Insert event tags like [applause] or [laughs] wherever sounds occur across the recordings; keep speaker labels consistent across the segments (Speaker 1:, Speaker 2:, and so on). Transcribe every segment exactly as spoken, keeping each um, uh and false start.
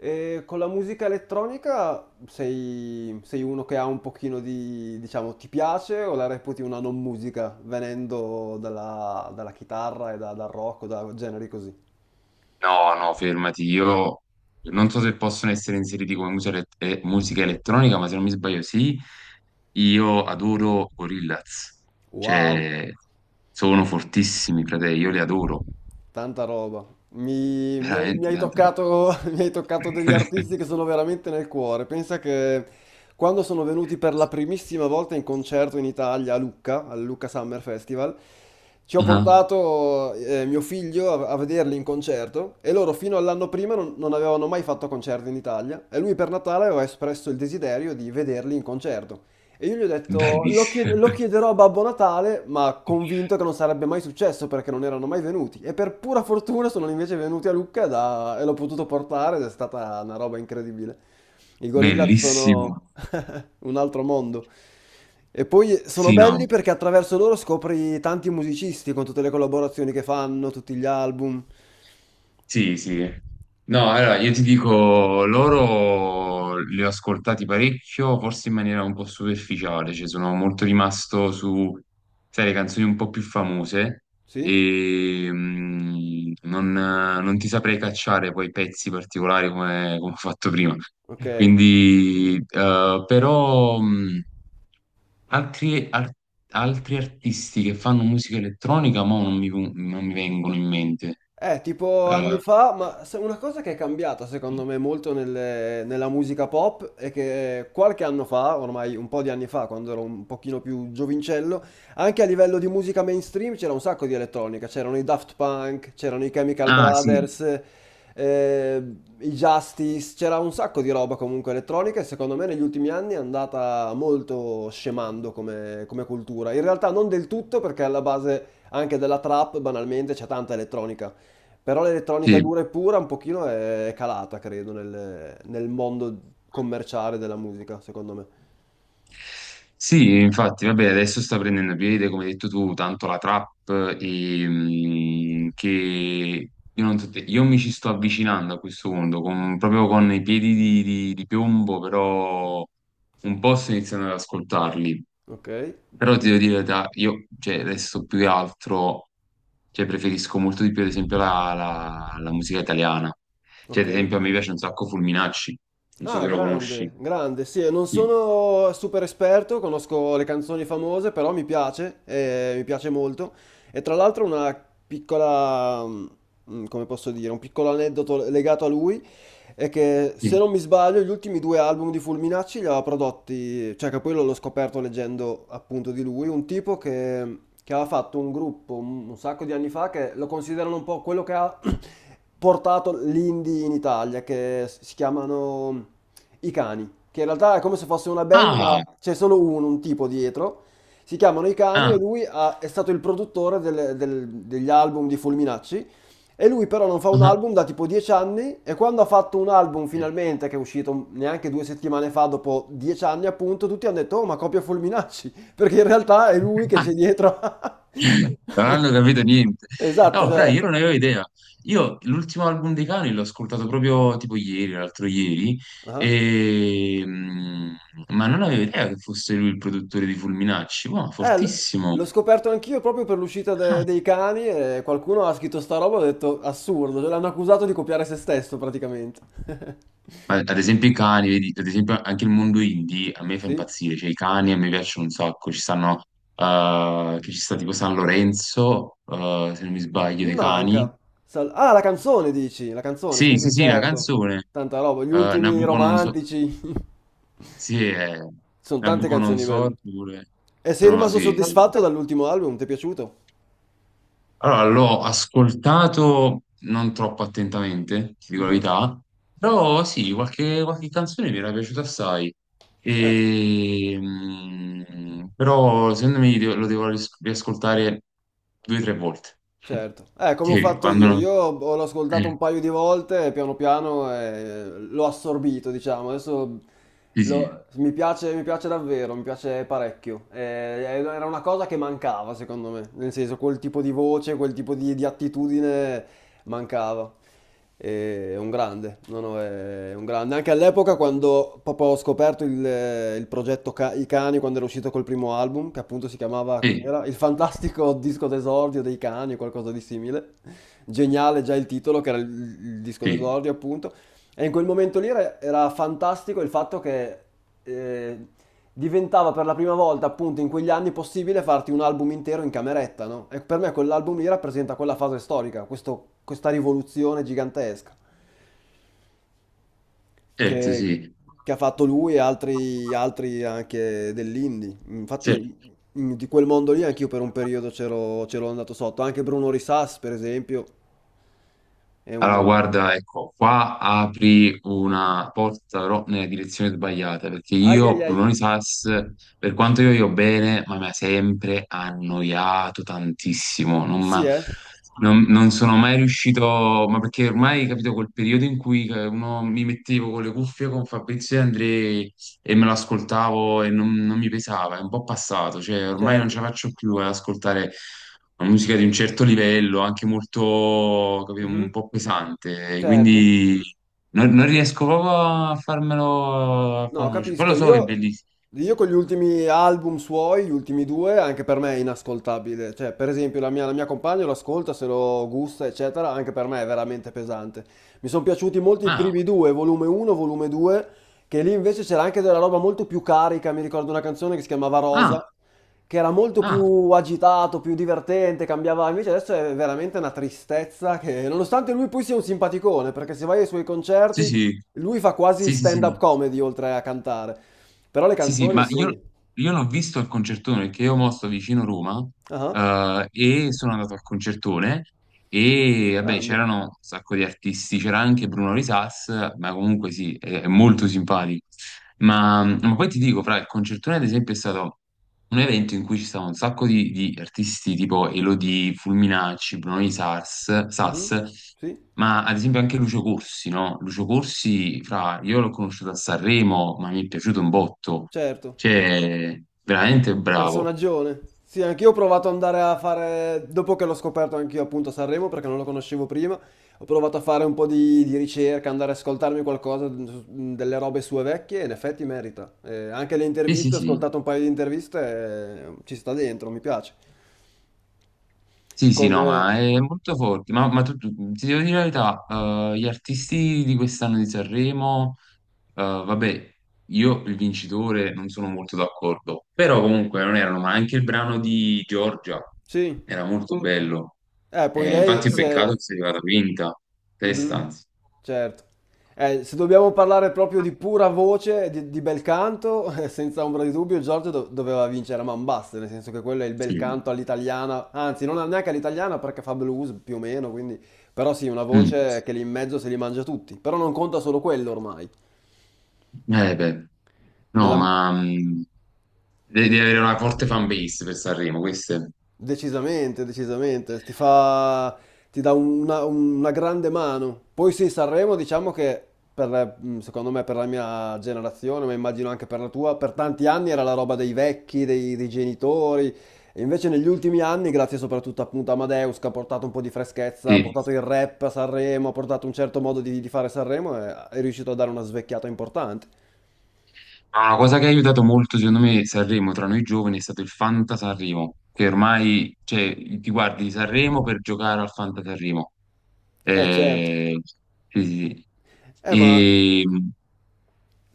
Speaker 1: E con la musica elettronica sei, sei uno che ha un pochino di, diciamo, ti piace o la reputi una non musica, venendo dalla, dalla chitarra e da- dal rock o da generi così?
Speaker 2: No, no, fermati. Io non so se possono essere inseriti come musica, elet- eh, musica elettronica, ma se non mi sbaglio, sì. Io adoro Gorillaz.
Speaker 1: Wow.
Speaker 2: Cioè, sono fortissimi, frate. Io li adoro.
Speaker 1: Tanta roba. Mi, mi hai, mi
Speaker 2: Veramente,
Speaker 1: hai
Speaker 2: tante robe.
Speaker 1: toccato, [laughs] mi hai toccato degli artisti che
Speaker 2: [laughs]
Speaker 1: sono veramente nel cuore. Pensa che quando sono venuti per la primissima volta in concerto in Italia a Lucca, al Lucca Summer Festival, ci ho
Speaker 2: Ah,
Speaker 1: portato eh, mio figlio a, a vederli in concerto e loro fino all'anno prima non, non avevano mai fatto concerti in Italia e lui per Natale aveva espresso il desiderio di vederli in concerto. E io gli ho detto, lo chied-
Speaker 2: bellissimo.
Speaker 1: lo chiederò a Babbo Natale, ma convinto
Speaker 2: [laughs]
Speaker 1: che non sarebbe mai successo perché non erano mai venuti. E per pura fortuna sono invece venuti a Lucca da- e l'ho potuto portare ed è stata una roba incredibile. I gorilla
Speaker 2: Bellissimo.
Speaker 1: sono [laughs] un altro mondo. E poi sono
Speaker 2: Sì,
Speaker 1: belli
Speaker 2: no.
Speaker 1: perché attraverso loro scopri tanti musicisti con tutte le collaborazioni che fanno, tutti gli album.
Speaker 2: Sì, sì. No, allora io ti dico, loro li ho ascoltati parecchio, forse in maniera un po' superficiale, cioè sono molto rimasto su, sai, le canzoni un po' più famose
Speaker 1: Sì?
Speaker 2: e mm, non, non ti saprei cacciare poi pezzi particolari come, come ho fatto prima.
Speaker 1: Ok.
Speaker 2: Quindi, eh, però, mm, altri, ar- altri artisti che fanno musica elettronica, ma non mi, non mi vengono in mente.
Speaker 1: Eh, tipo anni fa, ma se- una cosa che è cambiata
Speaker 2: Eh,
Speaker 1: secondo me molto nelle- nella musica pop è che qualche anno fa, ormai un po' di anni fa, quando ero un pochino più giovincello, anche a livello di musica mainstream c'era un sacco di elettronica, c'erano i Daft Punk, c'erano i Chemical
Speaker 2: Ah, sì,
Speaker 1: Brothers, eh, i Justice, c'era un sacco di roba comunque elettronica e secondo me negli ultimi anni è andata molto scemando come, come cultura. In realtà non del tutto perché alla base anche della trap banalmente c'è tanta elettronica. Però l'elettronica
Speaker 2: sì.
Speaker 1: dura e pura un pochino è calata, credo, nel, nel mondo commerciale della musica, secondo me.
Speaker 2: Sì, infatti, vabbè, adesso sta prendendo piede, come hai detto tu, tanto la trap e, mm, che io, non so te- io mi ci sto avvicinando a questo mondo, con- proprio con i piedi di, di- di piombo, però un po' sto iniziando ad ascoltarli.
Speaker 1: Ok,
Speaker 2: Però ti devo dire, la verità, io cioè, adesso più che altro cioè, preferisco molto di più, ad esempio, la, la- la musica italiana. Cioè,
Speaker 1: ok.
Speaker 2: ad esempio, a me piace un sacco Fulminacci, non so
Speaker 1: Ah,
Speaker 2: se lo conosci.
Speaker 1: grande, grande. Sì, non sono super esperto, conosco le canzoni famose, però mi piace, eh, mi piace molto. E tra l'altro una piccola, mm, come posso dire, un piccolo aneddoto legato a lui. È che se
Speaker 2: Sì.
Speaker 1: non mi sbaglio gli ultimi due album di Fulminacci li aveva prodotti, cioè che poi l'ho l'ho scoperto leggendo appunto di lui, un tipo che, che aveva fatto un gruppo un, un sacco di anni fa che lo considerano un po' quello che ha [clears throat] portato l'indie in Italia, che si chiamano I Cani, che in realtà è come se fosse una band
Speaker 2: Ah,
Speaker 1: ma
Speaker 2: ah,
Speaker 1: c'è solo uno, un tipo dietro. Si chiamano I Cani
Speaker 2: ah.
Speaker 1: e lui ha- è stato il produttore delle- del- degli album di Fulminacci e lui però non fa un album da tipo dieci anni e quando ha fatto un album finalmente, che è uscito neanche due settimane fa, dopo dieci anni appunto, tutti hanno detto, oh ma copia Fulminacci, [laughs] perché in realtà è lui che c'è
Speaker 2: [laughs]
Speaker 1: dietro. [laughs]
Speaker 2: Non hanno capito niente.
Speaker 1: Esatto,
Speaker 2: No, fra, io
Speaker 1: cioè...
Speaker 2: non avevo idea. Io l'ultimo album dei Cani l'ho ascoltato proprio tipo ieri, l'altro ieri,
Speaker 1: Ah.
Speaker 2: e... mm, ma non avevo idea che fosse lui il produttore di Fulminacci. Wow,
Speaker 1: Eh, l-
Speaker 2: fortissimo.
Speaker 1: l'ho scoperto anch'io proprio per l'uscita de-
Speaker 2: Ah.
Speaker 1: dei cani e qualcuno ha scritto sta roba e ho detto, assurdo, cioè, l'hanno accusato di copiare se stesso praticamente. [laughs]
Speaker 2: Ma ad esempio i cani, vedi, ad esempio anche il mondo indie a me fa
Speaker 1: Sì?
Speaker 2: impazzire, cioè i cani a me piacciono un sacco, ci stanno, eh, che ci sta tipo San Lorenzo, eh, se non mi sbaglio,
Speaker 1: Mi
Speaker 2: dei cani.
Speaker 1: manca. Sal- ah, la canzone dici? La canzone, sì,
Speaker 2: Sì, sì,
Speaker 1: sì,
Speaker 2: sì, la
Speaker 1: certo.
Speaker 2: canzone.
Speaker 1: Tanta roba. Gli
Speaker 2: Eh,
Speaker 1: ultimi
Speaker 2: Nabucodonosor,
Speaker 1: romantici.
Speaker 2: sì, è
Speaker 1: [laughs] Sono tante canzoni belle.
Speaker 2: Nabucodonosor pure.
Speaker 1: E sei
Speaker 2: No,
Speaker 1: rimasto
Speaker 2: sì.
Speaker 1: soddisfatto dall'ultimo album? Ti è piaciuto?
Speaker 2: Allora, l'ho ascoltato non troppo attentamente, ti dico la verità, però sì, qualche, qualche canzone mi era piaciuta assai.
Speaker 1: Eh.
Speaker 2: E, mm, però secondo me de- lo devo ris- riascoltare due o tre volte. [laughs]
Speaker 1: Certo, eh, come ho
Speaker 2: Sì,
Speaker 1: fatto
Speaker 2: quando...
Speaker 1: io,
Speaker 2: no,
Speaker 1: io ho- l'ho ascoltato un
Speaker 2: eh,
Speaker 1: paio di volte e piano piano eh, l'ho assorbito, diciamo, adesso
Speaker 2: sì, sì,
Speaker 1: lo- mi piace, mi piace davvero, mi piace parecchio. Eh, eh, era una cosa che mancava secondo me, nel senso quel tipo di voce, quel tipo di, di attitudine mancava. E è un grande, no, no, è un grande. Anche all'epoca quando proprio ho scoperto il, il progetto Ca- I Cani, quando era uscito col primo album, che appunto si chiamava,
Speaker 2: sì,
Speaker 1: cos'era? Il fantastico disco d'esordio dei cani o qualcosa di simile. Geniale già il titolo, che era il, il disco
Speaker 2: sì,
Speaker 1: d'esordio appunto. E in quel momento lì era, era fantastico il fatto che eh, diventava per la prima volta appunto in quegli anni possibile farti un album intero in cameretta, no? E per me quell'album lì rappresenta quella fase storica, questo- questa rivoluzione gigantesca
Speaker 2: certo,
Speaker 1: che,
Speaker 2: sì. Sì.
Speaker 1: che ha fatto lui e altri, altri anche dell'indie.
Speaker 2: Sì.
Speaker 1: Infatti mh, di quel mondo lì anch'io per un periodo c'ero c'ero andato sotto, anche Bruno Risas per esempio è
Speaker 2: Allora,
Speaker 1: un...
Speaker 2: guarda, ecco, qua apri una porta però nella direzione sbagliata, perché
Speaker 1: Ai ai
Speaker 2: io,
Speaker 1: ai,
Speaker 2: Brunoni Sas, per quanto io io bene, ma mi ha sempre annoiato tantissimo, non,
Speaker 1: sì
Speaker 2: m'ha-
Speaker 1: eh,
Speaker 2: non- non sono mai riuscito, ma perché ormai, capito, quel periodo in cui eh, uno mi mettevo con le cuffie con Fabrizio e Andrei e me lo ascoltavo e non, non mi pesava, è un po' passato, cioè ormai non ce
Speaker 1: certo,
Speaker 2: la faccio più ad ascoltare una musica di un certo livello, anche molto, capito, un
Speaker 1: mhm,
Speaker 2: po' pesante,
Speaker 1: certo.
Speaker 2: quindi non, non riesco proprio a farmelo, a
Speaker 1: No,
Speaker 2: farmelo, uscire. Poi
Speaker 1: capisco.
Speaker 2: lo so che è
Speaker 1: Io,
Speaker 2: bellissimo.
Speaker 1: io con gli ultimi album suoi, gli ultimi due, anche per me è inascoltabile. Cioè, per esempio, la mia, la mia compagna lo ascolta, se lo gusta, eccetera, anche per me è veramente pesante. Mi sono piaciuti molto i
Speaker 2: Ah,
Speaker 1: primi due, volume uno, volume due, che lì invece c'era anche della roba molto più carica. Mi ricordo una canzone che si chiamava Rosa,
Speaker 2: ah,
Speaker 1: che era molto
Speaker 2: ah,
Speaker 1: più agitato, più divertente, cambiava. Invece adesso è veramente una tristezza che, nonostante lui poi sia un simpaticone, perché se vai ai suoi
Speaker 2: sì,
Speaker 1: concerti...
Speaker 2: sì,
Speaker 1: Lui fa quasi
Speaker 2: sì, sì,
Speaker 1: stand-up
Speaker 2: sì.
Speaker 1: comedy oltre a cantare, però le
Speaker 2: Sì, sì,
Speaker 1: canzoni
Speaker 2: ma io,
Speaker 1: sì.
Speaker 2: io l'ho visto al concertone perché io mo sto vicino Roma,
Speaker 1: Ah,
Speaker 2: eh, e sono andato al concertone e vabbè
Speaker 1: grande.
Speaker 2: c'erano un sacco di artisti, c'era anche Bruno Risas, ma comunque sì, è, è molto simpatico. Ma, ma poi ti dico, fra il concertone ad esempio è stato un evento in cui ci stavano un sacco di, di artisti tipo Elodie, Fulminacci, Bruno di Sars,
Speaker 1: Mhm.
Speaker 2: Sas,
Speaker 1: Sì,
Speaker 2: ma ad esempio anche Lucio Corsi, no? Lucio Corsi, fra, io l'ho conosciuto a Sanremo, ma mi è piaciuto un botto,
Speaker 1: certo.
Speaker 2: cioè, veramente bravo.
Speaker 1: Personaggione. Sì, anch'io ho provato ad andare a fare, dopo che l'ho scoperto anch'io appunto a Sanremo, perché non lo conoscevo prima, ho provato a fare un po' di, di ricerca, andare ad ascoltarmi qualcosa, mh, delle robe sue vecchie, e in effetti merita. Eh, anche le
Speaker 2: Sì, sì,
Speaker 1: interviste, ho
Speaker 2: sì.
Speaker 1: ascoltato un paio di interviste, e ci sta dentro, mi piace.
Speaker 2: Sì, sì,
Speaker 1: Con...
Speaker 2: no,
Speaker 1: eh,
Speaker 2: ma è molto forte. Ma, ma tu, tu- ti devo dire la verità, eh, gli artisti di quest'anno di Sanremo, eh, vabbè, io il vincitore non sono molto d'accordo, però comunque non erano, ma anche il brano di Giorgia
Speaker 1: sì.
Speaker 2: era molto bello.
Speaker 1: Eh, poi
Speaker 2: Eh,
Speaker 1: lei
Speaker 2: infatti è Mm.
Speaker 1: si
Speaker 2: peccato che
Speaker 1: è...
Speaker 2: sia arrivata quinta, testa
Speaker 1: Mhm,
Speaker 2: anzi.
Speaker 1: certo. Eh, se dobbiamo parlare proprio di pura voce, di, di bel canto, [laughs] eh, senza ombra di dubbio, Giorgio do- doveva vincere a man basse, nel senso che quello è il bel
Speaker 2: Sì.
Speaker 1: canto all'italiana, anzi non neanche all'italiana perché fa blues più o meno, quindi... Però sì, una
Speaker 2: Mm.
Speaker 1: voce che lì in mezzo se li mangia tutti, però non conta solo quello ormai.
Speaker 2: Eh, beh. No,
Speaker 1: Nella, no.
Speaker 2: ma mm, devi devi avere una forte fan base per Sanremo, questo è.
Speaker 1: Decisamente, decisamente, ti fa, ti dà una, una grande mano. Poi sì, Sanremo diciamo che per, mh, secondo me per la mia generazione, ma immagino anche per la tua, per tanti anni era la roba dei vecchi, dei, dei genitori. E invece negli ultimi anni, grazie soprattutto appunto a Amadeus, che ha portato un po' di freschezza, ha
Speaker 2: Sì.
Speaker 1: portato il rap a Sanremo, ha portato un certo modo di, di fare Sanremo, e è riuscito a dare una svecchiata importante.
Speaker 2: Ma una cosa che ha aiutato molto, secondo me, Sanremo tra noi giovani è stato il Fanta Sanremo, che ormai, cioè, ti guardi Sanremo per giocare al Fanta Sanremo.
Speaker 1: Eh certo.
Speaker 2: Eh, sì, sì.
Speaker 1: Eh ma...
Speaker 2: Sì.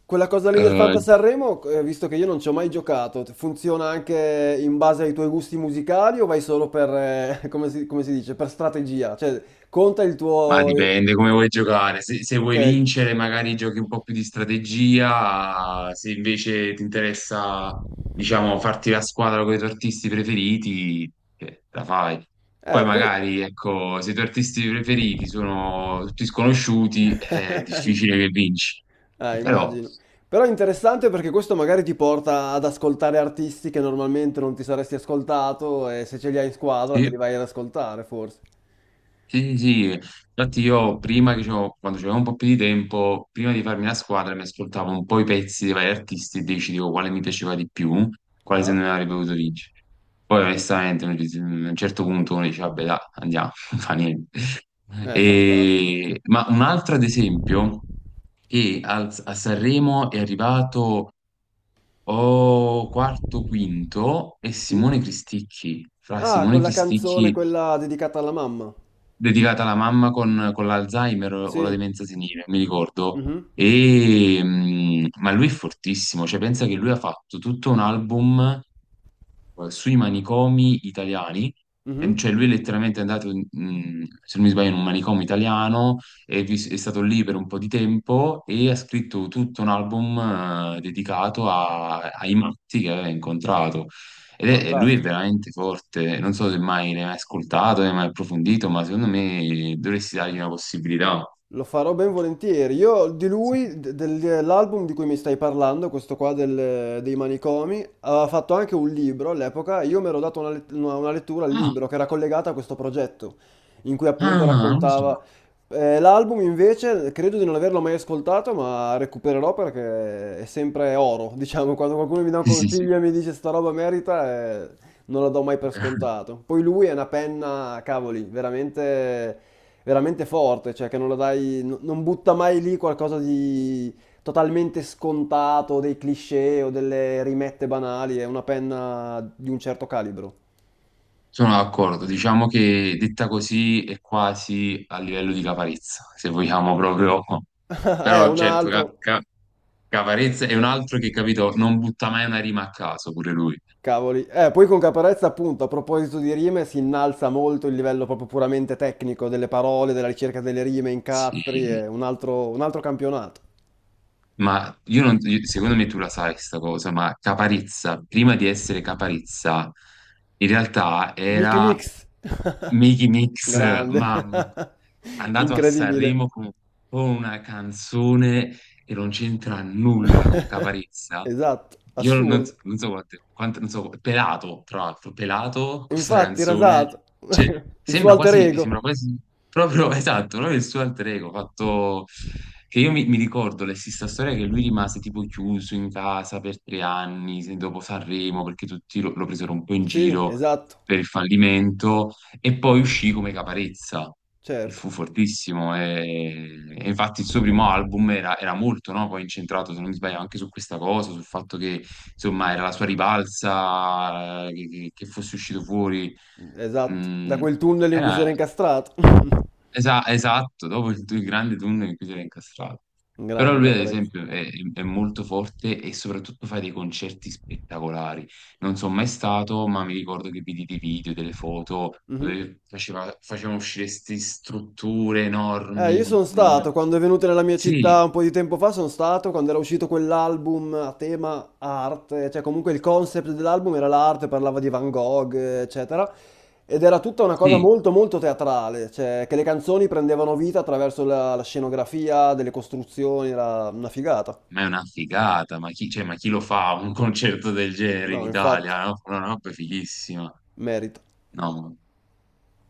Speaker 1: Quella cosa lì
Speaker 2: E,
Speaker 1: del
Speaker 2: eh,
Speaker 1: Fanta Sanremo, eh, visto che io non ci ho mai giocato, funziona anche in base ai tuoi gusti musicali o vai solo per, eh, [laughs] come si, come si dice, per strategia? Cioè, conta il
Speaker 2: Ma
Speaker 1: tuo... il-
Speaker 2: dipende come vuoi giocare. Se, se
Speaker 1: Ok.
Speaker 2: vuoi
Speaker 1: Eh,
Speaker 2: vincere, magari giochi un po' più di strategia. Se invece ti interessa, diciamo, farti la squadra con i tuoi artisti preferiti, eh, la fai. Poi
Speaker 1: poi...
Speaker 2: magari, ecco, se i tuoi artisti preferiti sono tutti sconosciuti, è
Speaker 1: [laughs]
Speaker 2: difficile che vinci.
Speaker 1: Eh,
Speaker 2: Però,
Speaker 1: immagino. Però è interessante perché questo magari ti porta ad ascoltare artisti che normalmente non ti saresti ascoltato e se ce li hai in squadra te
Speaker 2: sì.
Speaker 1: li vai ad ascoltare, forse.
Speaker 2: Sì, sì, sì. Infatti io prima che c'ho- quando c'avevo un po' più di tempo, prima di farmi la squadra mi ascoltavo un po' i pezzi dei vari artisti e decidevo quale mi piaceva di più, quale se
Speaker 1: Ah,
Speaker 2: ne avrebbe potuto vincere. Poi
Speaker 1: fan-
Speaker 2: onestamente a un certo punto uno dice, vabbè, dai, andiamo, [laughs] non fa niente.
Speaker 1: eh, fantastico.
Speaker 2: E- Ma un altro ad esempio, che al- a Sanremo è arrivato o quarto, quinto, è
Speaker 1: Sì?
Speaker 2: Simone Cristicchi. Fra
Speaker 1: Ah, con
Speaker 2: Simone
Speaker 1: la canzone
Speaker 2: Cristicchi
Speaker 1: quella dedicata alla mamma.
Speaker 2: dedicata alla mamma con, con l'Alzheimer o la
Speaker 1: Sì.
Speaker 2: demenza senile, mi ricordo.
Speaker 1: Mhm,
Speaker 2: E, mh, ma lui è fortissimo, cioè pensa che lui ha fatto tutto un album eh, sui manicomi italiani, e
Speaker 1: mhm.
Speaker 2: cioè lui è letteralmente andato, in- mh, se non mi sbaglio, in un manicomio italiano, è, vis- è stato lì per un po' di tempo e ha scritto tutto un album eh, dedicato a- ai matti che aveva incontrato. Ed è, e lui è
Speaker 1: Fantastico.
Speaker 2: veramente forte, non so se mai ne hai mai ascoltato, ne hai mai approfondito, ma secondo me dovresti dargli una possibilità.
Speaker 1: Lo farò ben volentieri. Io di lui, de- del- dell'album di cui mi stai parlando, questo qua del- dei manicomi, aveva fatto anche un libro all'epoca. Io mi ero dato una, let- una- una lettura al
Speaker 2: Ah,
Speaker 1: libro che era collegata a questo progetto, in cui appunto
Speaker 2: ah, non lo so.
Speaker 1: raccontava. Eh, l'album invece credo di non averlo mai ascoltato, ma recupererò perché è sempre oro. Diciamo, quando qualcuno mi dà un
Speaker 2: Sì, sì, sì.
Speaker 1: consiglio e mi dice sta roba merita, eh, non la do mai per scontato. Poi lui è una penna, cavoli, veramente, veramente forte, cioè che non la dai, n- non butta mai lì qualcosa di totalmente scontato, dei cliché o delle rimette banali, è una penna di un certo calibro.
Speaker 2: Sono d'accordo, diciamo che detta così è quasi a livello di Caparezza, se vogliamo proprio.
Speaker 1: [laughs] Eh,
Speaker 2: Però
Speaker 1: un
Speaker 2: certo, Ca-
Speaker 1: altro.
Speaker 2: Ca- Caparezza è un altro che, capito, non butta mai una rima a caso, pure lui.
Speaker 1: Cavoli. Eh, poi con Caparezza, appunto, a proposito di rime, si innalza molto il livello proprio puramente tecnico delle parole, della ricerca delle rime, incastri,
Speaker 2: Sì,
Speaker 1: è un altro, un altro campionato.
Speaker 2: ma io non, io- secondo me tu la sai sta cosa, ma Caparezza, prima di essere Caparezza, in realtà
Speaker 1: Mickey
Speaker 2: era
Speaker 1: Mix. [laughs]
Speaker 2: Miki Mix,
Speaker 1: Grande,
Speaker 2: mamma.
Speaker 1: [laughs]
Speaker 2: Andato a
Speaker 1: incredibile.
Speaker 2: Sanremo con, con, una canzone che non c'entra nulla con
Speaker 1: [laughs]
Speaker 2: Caparezza.
Speaker 1: Esatto,
Speaker 2: Io non, so
Speaker 1: assurdo.
Speaker 2: non so quante- quante- non so, Pelato, tra l'altro, Pelato, questa
Speaker 1: Infatti,
Speaker 2: canzone,
Speaker 1: rasato.
Speaker 2: cioè,
Speaker 1: [laughs] Il suo
Speaker 2: sembra
Speaker 1: alter
Speaker 2: quasi,
Speaker 1: ego.
Speaker 2: sembra quasi, proprio [laughs] esatto, proprio il suo alter ego, fatto che io mi, mi ricordo la stessa storia che lui rimase tipo chiuso in casa per tre anni se- dopo Sanremo, perché tutti lo, lo presero un po' in
Speaker 1: Sì,
Speaker 2: giro
Speaker 1: esatto,
Speaker 2: per il fallimento e poi uscì come Caparezza e
Speaker 1: certo,
Speaker 2: fu fortissimo. E, e infatti il suo primo album era, era molto, no, poi incentrato, se non mi sbaglio, anche su questa cosa, sul fatto che insomma era la sua ribalza, eh, che, che- che fosse uscito fuori.
Speaker 1: esatto. Da
Speaker 2: Mm,
Speaker 1: quel tunnel in cui si era
Speaker 2: era
Speaker 1: incastrato. [laughs]
Speaker 2: Esa- esatto, dopo il, il grande tunnel in cui si era incastrato. Però
Speaker 1: Grande
Speaker 2: lui, ad
Speaker 1: Caparezza.
Speaker 2: esempio, è, è molto forte e soprattutto fa dei concerti spettacolari. Non sono mai stato, ma mi ricordo che vidi dei video, delle foto
Speaker 1: Mhm.
Speaker 2: dove faceva, facevano uscire queste strutture
Speaker 1: Eh,
Speaker 2: enormi.
Speaker 1: io
Speaker 2: di-
Speaker 1: sono
Speaker 2: mm, No.
Speaker 1: stato, quando è venuto nella mia
Speaker 2: Sì,
Speaker 1: città un po' di tempo fa, sono stato, quando era uscito quell'album a tema arte, cioè comunque il concept dell'album era l'arte, parlava di Van Gogh, eccetera, ed era tutta una cosa
Speaker 2: sì,
Speaker 1: molto molto teatrale, cioè che le canzoni prendevano vita attraverso la, la scenografia, delle costruzioni, era una figata.
Speaker 2: ma è una figata. Ma chi, cioè, ma chi lo fa un concerto del genere in
Speaker 1: No, infatti,
Speaker 2: Italia? No? Una roba fighissima.
Speaker 1: merita.
Speaker 2: No.